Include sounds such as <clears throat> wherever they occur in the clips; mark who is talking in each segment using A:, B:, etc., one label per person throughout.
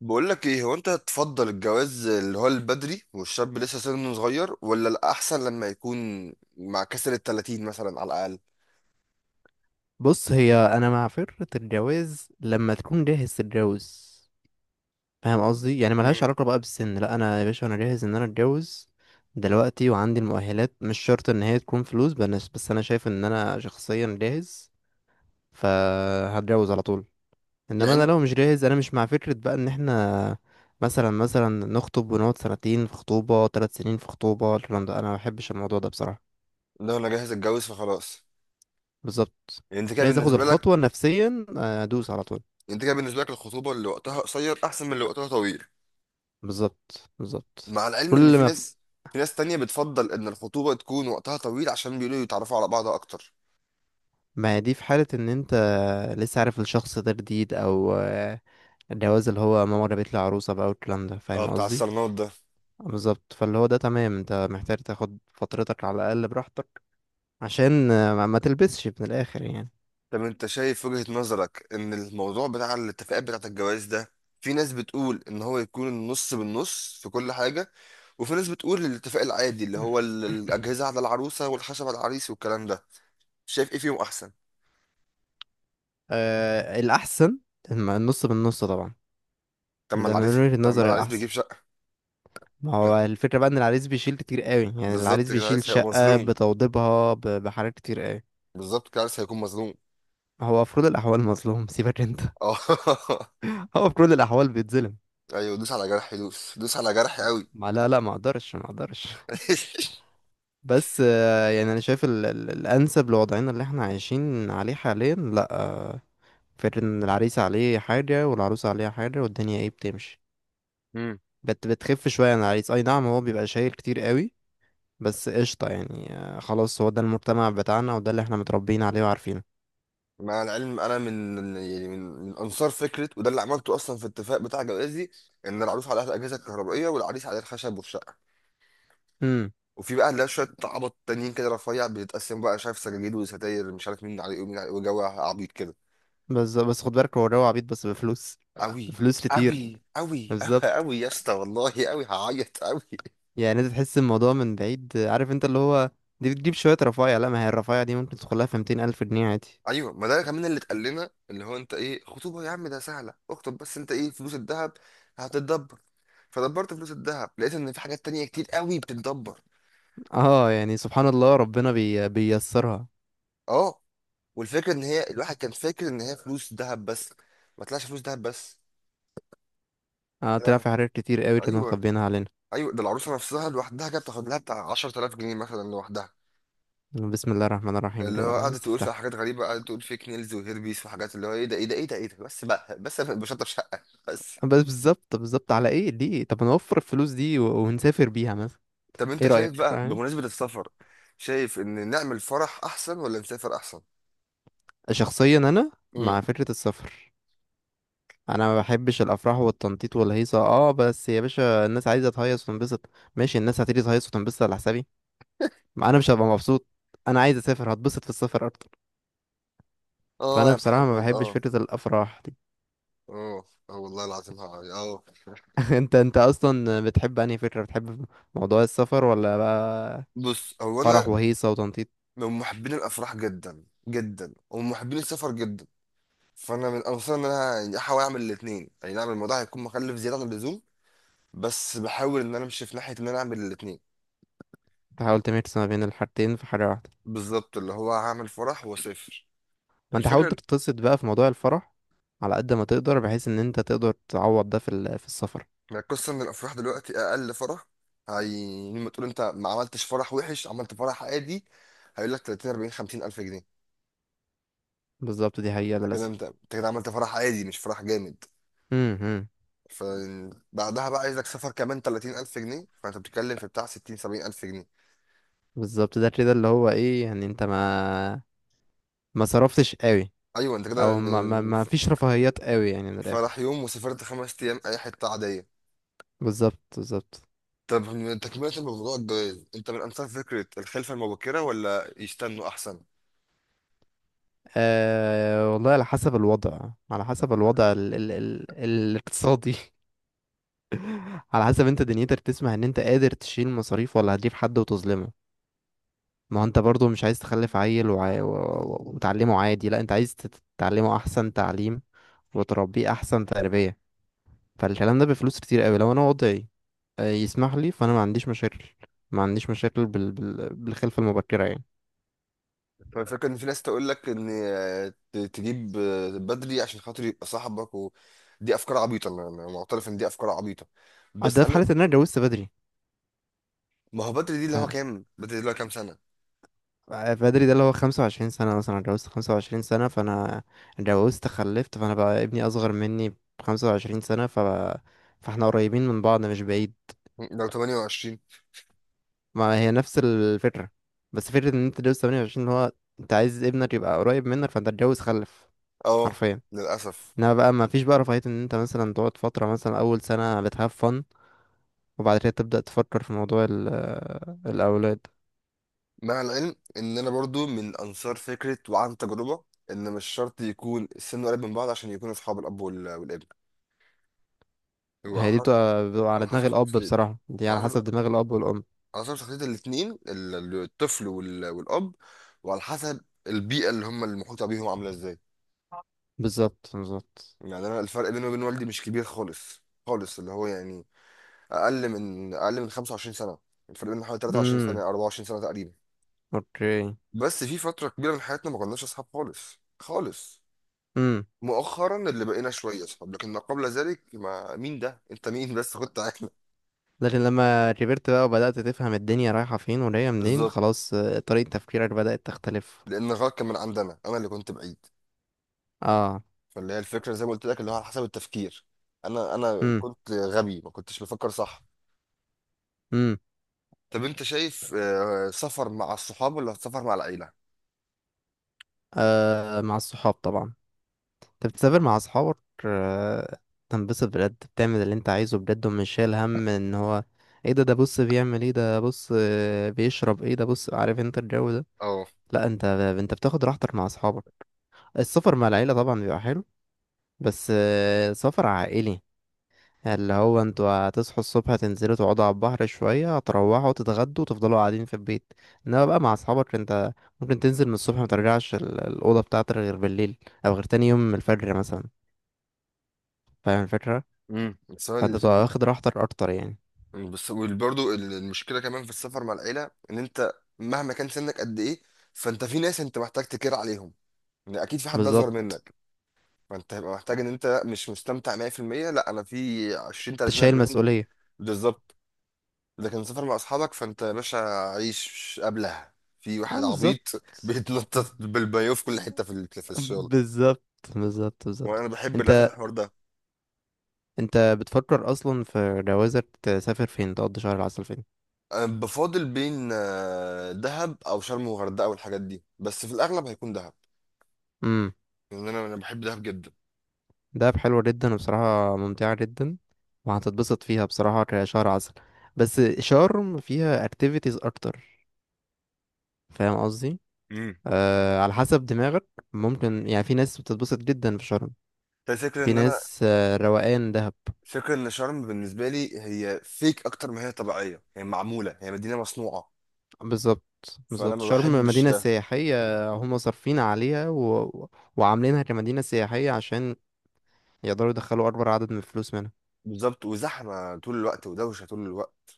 A: بقول لك ايه، هو انت تفضل الجواز اللي هو البدري والشاب لسه سنه صغير، ولا الاحسن لما يكون مع كسر ال 30 مثلا على الاقل؟
B: بص، هي انا مع فكرة الجواز لما تكون جاهز تتجوز. فاهم قصدي؟ يعني ملهاش
A: مم.
B: علاقة بقى بالسن. لا، انا يا باشا انا جاهز ان انا اتجوز دلوقتي وعندي المؤهلات. مش شرط ان هي تكون فلوس. بس، بس انا شايف ان انا شخصيا جاهز فهتجوز على طول. انما انا
A: يعني
B: لو مش جاهز انا مش مع فكرة بقى ان احنا مثلا نخطب ونقعد سنتين في خطوبة، ثلاث سنين في خطوبة. الكلام ده انا ما بحبش الموضوع ده بصراحة.
A: لو انا جاهز اتجوز فخلاص.
B: بالظبط.
A: يعني
B: جاهز اخد الخطوة نفسيا، ادوس على طول.
A: انت كده بالنسبه لك الخطوبه اللي وقتها قصير احسن من اللي وقتها طويل؟
B: بالظبط، بالظبط.
A: مع العلم ان
B: كل
A: في
B: ما ف...
A: ناس في ناس تانية بتفضل ان الخطوبه تكون وقتها طويل، عشان بيقولوا يتعرفوا على بعض اكتر.
B: ما هي دي في حالة ان انت لسه عارف الشخص ده جديد او الجواز اللي هو ماما جابت لي عروسة بقى والكلام ده،
A: اه،
B: فاهم
A: بتاع
B: قصدي؟
A: الصالونات.
B: بالظبط، فاللي هو ده تمام. انت محتاج تاخد فترتك على الاقل براحتك عشان ما تلبسش من الاخر يعني.
A: طب انت شايف وجهة نظرك ان الموضوع بتاع الاتفاقات بتاعت الجواز ده، في ناس بتقول ان هو يكون النص بالنص في كل حاجة، وفي ناس بتقول الاتفاق العادي اللي هو
B: <clears throat>
A: الاجهزة على العروسة والخشب على العريس والكلام ده. شايف ايه فيهم احسن؟
B: آه، الأحسن، النص بالنص طبعا.
A: طب ما
B: ده من
A: العريس،
B: وجهة
A: طب ما
B: النظر
A: العريس بيجيب
B: الأحسن.
A: شقة.
B: ما
A: ما-
B: هو الفكرة بقى إن العريس بيشيل كتير قوي، يعني
A: بالظبط
B: العريس
A: كده
B: بيشيل
A: العريس هيبقى
B: شقة
A: مظلوم.
B: بتوضيبها بحاجات كتير قوي.
A: بالظبط كده العريس هيكون مظلوم.
B: هو في كل الأحوال مظلوم. <laughs> سيبك أنت.
A: اه. <laughs>
B: <laughs> هو في كل الاحوال بيتظلم.
A: ايوه، دوس على جرحي، دوس دوس على جرحي قوي.
B: ما لا، لا، ما اقدرش، ما اقدرش. <laughs>
A: <laughs>
B: بس يعني انا شايف ال ال الانسب لوضعنا اللي احنا عايشين عليه حاليا لا فكرة ان العريس عليه حاجه والعروس عليها حاجه والدنيا ايه بتمشي، بتخف شويه عن العريس. اي نعم، هو بيبقى شايل كتير قوي، بس قشطه يعني. خلاص، هو ده المجتمع بتاعنا وده اللي احنا متربيين عليه وعارفينه.
A: مع العلم انا من، يعني من انصار فكره، وده اللي عملته اصلا في الاتفاق بتاع جوازي، ان العروس عليها الاجهزه الكهربائيه والعريس عليه الخشب والشقه.
B: امم.
A: وفي بقى اللي هي شويه عبط تانيين كده، رفيع بيتقسم بقى، شايف سجاجيد وستاير مش عارف مين عليه ومين عليه وجو عبيط كده.
B: بس خد بالك، هو جو عبيط بس بفلوس.
A: قوي.
B: بفلوس كتير.
A: قوي قوي.
B: بالظبط.
A: قوي يا اسطى، والله قوي، هعيط قوي.
B: يعني انت تحس الموضوع من بعيد، عارف انت اللي هو دي بتجيب شوية رفايع؟ لا، ما هي الرفايع دي ممكن تدخلها في 200 ألف جنيه عادي.
A: ايوه، ما ده كمان اللي اتقال لنا، اللي هو انت ايه خطوبه يا عم، ده سهله اكتب، بس انت ايه، فلوس الذهب هتتدبر. فدبرت فلوس الذهب، لقيت ان في حاجات تانية كتير قوي بتتدبر.
B: اه، يعني سبحان الله ربنا بيسرها.
A: اه. والفكره ان هي الواحد كان فاكر ان هي فلوس ذهب بس. ما طلعش فلوس ذهب بس.
B: اه، طلع
A: آه.
B: في حاجات كتير قوي كانوا
A: ايوه.
B: مخبيينها علينا.
A: ايوه، ده العروسه نفسها لوحدها كانت بتاخد لها بتاع 10000 جنيه مثلا لوحدها،
B: بسم الله الرحمن الرحيم
A: اللي
B: كده،
A: هو
B: فاهم؟
A: قعدت تقول فيها
B: استفتح.
A: حاجات غريبه، قعدت تقول فيك نيلز وهيربيس وحاجات، اللي هو ايه ده ايه ده ايه ده ايه ده، بس بقى، بس أنا بشطب شقه بس.
B: بس بالظبط، بالظبط. على ايه ليه؟ طب نوفر الفلوس دي ونسافر بيها مثلا.
A: طب
B: ايه
A: انت شايف
B: رأيك،
A: بقى،
B: فاهم؟
A: بمناسبه السفر، شايف ان نعمل فرح احسن ولا نسافر احسن؟
B: شخصيا انا
A: امم.
B: مع فكرة السفر. انا ما بحبش الافراح والتنطيط والهيصه، اه. بس يا باشا، الناس عايزه تهيص وتنبسط. ماشي، الناس هتيجي تهيص وتنبسط على حسابي. ما انا مش هبقى مبسوط. انا عايز اسافر، هتبسط في السفر اكتر.
A: اه
B: فانا
A: يا
B: بصراحه ما
A: محمد،
B: بحبش
A: اه.
B: فكره الافراح دي.
A: اه اه، والله العظيم، اه. آه.
B: <laughs> انت اصلا بتحب انهي فكره؟ بتحب موضوع السفر ولا بقى
A: بص، هو
B: فرح
A: انا
B: وهيصه وتنطيط؟
A: من محبين الافراح جدا جدا، ومن محبين السفر جدا. فانا من انصار ان انا، يعني احاول اعمل الاثنين. يعني نعم، الموضوع هيكون مكلف زياده عن اللزوم، بس بحاول ان انا امشي في ناحيه ان انا اعمل الاثنين.
B: تحاول تميكس ما بين الحاجتين في حاجه واحده.
A: بالظبط، اللي هو هعمل فرح واسافر.
B: ما انت حاول
A: الفكره
B: تتبسط بقى في موضوع الفرح على قد ما تقدر، بحيث ان انت تقدر تعوض ده في في السفر.
A: إن القصه ان الافراح دلوقتي اقل فرح، هي لما تقول انت ما عملتش فرح وحش عملت فرح عادي، هيقول لك 30 40 50 الف جنيه.
B: بالظبط، دي حقيقه
A: انت كده،
B: للاسف.
A: انت انت كده عملت فرح عادي، مش فرح جامد.
B: امم.
A: فبعدها بقى عايزك سفر كمان 30000 جنيه، فانت بتتكلم في بتاع 60 70000 جنيه.
B: بالظبط، ده كده اللي هو ايه يعني، انت ما صرفتش قوي،
A: ايوه، انت كده
B: او ما ما
A: يعني
B: ما فيش رفاهيات قوي يعني، من الاخر.
A: فرح يوم وسافرت خمس ايام اي حته عاديه.
B: بالظبط، بالظبط.
A: طب من تكمله الموضوع الجواز، انت من انصار فكره الخلفه المبكره ولا يستنوا احسن؟
B: أه والله، على حسب الوضع، على حسب الوضع ال الاقتصادي. <laughs> على حسب انت دنيتك تسمح ان انت قادر تشيل مصاريف، ولا هتجيب حد وتظلمه. ما هو انت برضو مش عايز تخلف عيل وتعلمه عادي. لا، انت عايز تعلمه احسن تعليم وتربيه احسن تربية. فالكلام ده بفلوس كتير قوي. لو انا وضعي يسمح لي فانا ما عنديش مشاكل. ما عنديش مشاكل بالخلفة المبكرة يعني.
A: فالفكره ان في ناس تقول لك ان، آه، تجيب، آه، بدري عشان خاطر يبقى صاحبك، ودي افكار عبيطه. انا معترف ان دي افكار عبيطه، بس
B: ده في
A: انا.
B: حالة ان انا اتجوزت بدري.
A: ما هو بدري دي اللي هو كام سنه؟
B: بدري ده اللي هو خمسة وعشرين سنة مثلا، أنا اتجوزت خمسة وعشرين سنة فأنا اتجوزت خلفت، فأنا بقى ابني أصغر مني بخمسة وعشرين سنة، فاحنا قريبين من بعض، مش بعيد.
A: لو 28.
B: ما هي نفس الفكرة، بس فكرة إن أنت تتجوز تمانية وعشرين، اللي هو أنت عايز ابنك يبقى قريب منك فأنت اتجوز خلف
A: اه،
B: حرفيا.
A: للاسف.
B: انما بقى ما فيش بقى رفاهية ان انت مثلا تقعد فترة، مثلا اول سنة بتهاف فن، وبعد كده تبدأ تفكر في موضوع الاولاد.
A: مع العلم ان انا برضو من انصار فكره وعن تجربه، ان مش شرط يكون السن قريب من بعض عشان يكونوا اصحاب الاب والابن. هو على
B: هي دي
A: حسب
B: بتبقى على
A: على
B: دماغ
A: حسب
B: الاب
A: شخصيه،
B: بصراحة، دي
A: على
B: على
A: حسب
B: حسب دماغ الاب والام.
A: على حسب شخصيه الاثنين، الطفل والاب، وعلى حسب البيئه اللي هم المحيطه بيهم عامله ازاي.
B: بالظبط، بالظبط.
A: يعني انا الفرق بيني وبين والدي مش كبير خالص خالص، اللي هو يعني اقل من 25 سنه. الفرق بيننا حوالي 23 سنه،
B: امم.
A: 24 سنه تقريبا.
B: اوكي.
A: بس في فتره كبيره من حياتنا ما كناش اصحاب خالص خالص.
B: امم.
A: مؤخرا اللي بقينا شويه اصحاب، لكن ما قبل ذلك ما، مين ده انت مين بس، كنت عارف.
B: لكن لما كبرت بقى وبدأت تفهم الدنيا رايحة فين وجاية منين،
A: بالظبط.
B: خلاص طريقة تفكيرك بدأت تختلف.
A: لان غلط كان من عندنا، انا اللي كنت بعيد.
B: اه.
A: فاللي هي الفكره زي ما قلت لك، اللي هو على حسب التفكير. انا
B: امم.
A: كنت غبي، ما كنتش بفكر صح.
B: امم.
A: طب انت شايف، آه، سفر مع الصحاب ولا سفر مع العيله؟
B: آه، مع الصحاب طبعا. انت بتسافر مع اصحابك، آه، تنبسط بجد، بتعمل اللي انت عايزه بجد، ومش شايل هم ان هو ايه ده؟ ده بص بيعمل ايه؟ ده بص بيشرب ايه؟ ده بص، عارف انت الجو ده.
A: اه.
B: لا، انت بتاخد راحتك مع اصحابك. السفر مع العيلة طبعا بيبقى حلو، بس سفر عائلي اللي هو انتوا هتصحوا الصبح، تنزلوا تقعدوا على البحر شوية، هتروحوا تتغدوا، وتفضلوا قاعدين في البيت. انما بقى مع اصحابك انت ممكن تنزل من الصبح مترجعش الأوضة بتاعتك غير بالليل، او غير تاني يوم من الفجر مثلا. فاهم الفكرة؟
A: امم،
B: فانت بتبقى
A: السؤال،
B: واخد راحتك اكتر يعني.
A: بس برضه المشكله كمان في السفر مع العيله ان انت مهما كان سنك قد ايه، فانت في ناس انت محتاج تكير عليهم، يعني اكيد في حد
B: بالظبط.
A: اصغر منك، فانت هيبقى محتاج ان انت مش مستمتع 100%. لا، انا في 20
B: انت
A: 30
B: شايل
A: 40.
B: مسؤولية.
A: بالظبط. لكن سفر مع اصحابك فانت يا باشا، عيش قبلها، في
B: اه
A: واحد عبيط
B: بالظبط،
A: <laughs> بيتنطط بالبايو في كل حته في في الشغل.
B: بالظبط، بالظبط، بالظبط.
A: وانا بحب للاسف
B: انت
A: الحوار ده.
B: انت بتفكر اصلا في جوازك تسافر فين تقضي شهر العسل؟
A: انا بفاضل بين، آه، دهب او شرم وغردقه والحاجات دي، بس في الاغلب هيكون دهب،
B: فين؟
A: لان انا بحب دهب جدا.
B: دهب حلوة جدا وبصراحة ممتعة جدا، وهتتبسط فيها بصراحة كشهر عسل. بس شرم فيها activities أكتر، فاهم قصدي؟
A: امم.
B: آه، على حسب دماغك. ممكن يعني في ناس بتتبسط جدا في شرم،
A: الفكرة
B: في
A: ان انا،
B: ناس روقان دهب.
A: فكرة ان شرم بالنسبة لي هي فيك اكتر ما هي طبيعية، هي معمولة، هي مدينة مصنوعة،
B: بالظبط،
A: فانا
B: بالظبط،
A: ما
B: شرم
A: بحبش
B: مدينة
A: ده.
B: سياحية. هم صارفين عليها وعاملينها كمدينة سياحية عشان يقدروا يدخلوا أكبر عدد من الفلوس منها.
A: بالظبط، وزحمة طول الوقت ودوشة طول الوقت.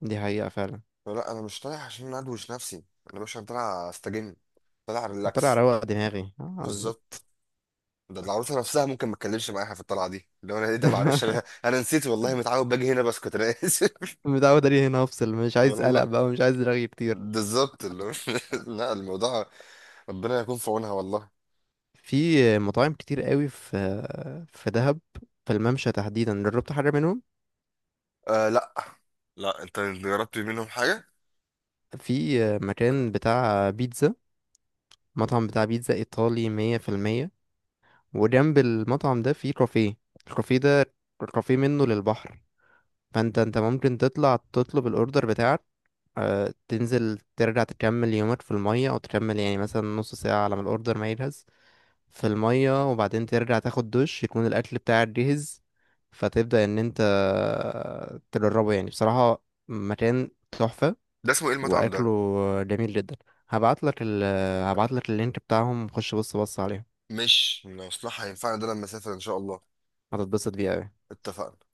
B: دي حقيقة فعلا.
A: فلا، أنا مش طالع عشان أدوش نفسي، أنا مش طالع أستجم، طالع
B: هطلع
A: ريلاكس.
B: روق دماغي، آه
A: بالظبط.
B: بالظبط.
A: ده العروسة نفسها ممكن ما تكلمش معاها في الطلعة دي لو أنا، إيه ده، معلش
B: <laughs>
A: أنا، <laughs> أنا نسيت، والله متعود باجي هنا بسكت، أنا آسف.
B: متعود عليه هنا، افصل، مش
A: <laughs>
B: عايز قلق
A: والله.
B: بقى، ومش عايز رغي كتير.
A: بالظبط <laughs> لا، الموضوع، ربنا يكون في عونها والله.
B: في مطاعم كتير قوي، في دهب، في الممشى تحديدا، جربت حاجة منهم؟
A: آه، لا. لا أنت جربت منهم حاجة.
B: في مكان بتاع بيتزا، مطعم بتاع بيتزا ايطالي مية في المية، وجنب المطعم ده في كافيه. الكافيه ده كافيه منه للبحر، فانت ممكن تطلع تطلب الاوردر بتاعك، تنزل ترجع تكمل يومك في المية، او تكمل يعني مثلا نص ساعة على ما الاوردر ما يجهز، في المية، وبعدين ترجع تاخد دش يكون الأكل بتاعك جاهز. فتبدأ إن أنت تجربه. يعني بصراحة مكان تحفة،
A: ده اسمه إيه المطعم
B: وأكله
A: ده؟
B: جميل جدا. هبعتلك ال هبعتلك اللينك بتاعهم، خش بص، بص عليهم.
A: مش مصلحة، هينفعنا ده لما أسافر إن شاء الله.
B: هتتبسط بيه أوي.
A: اتفقنا.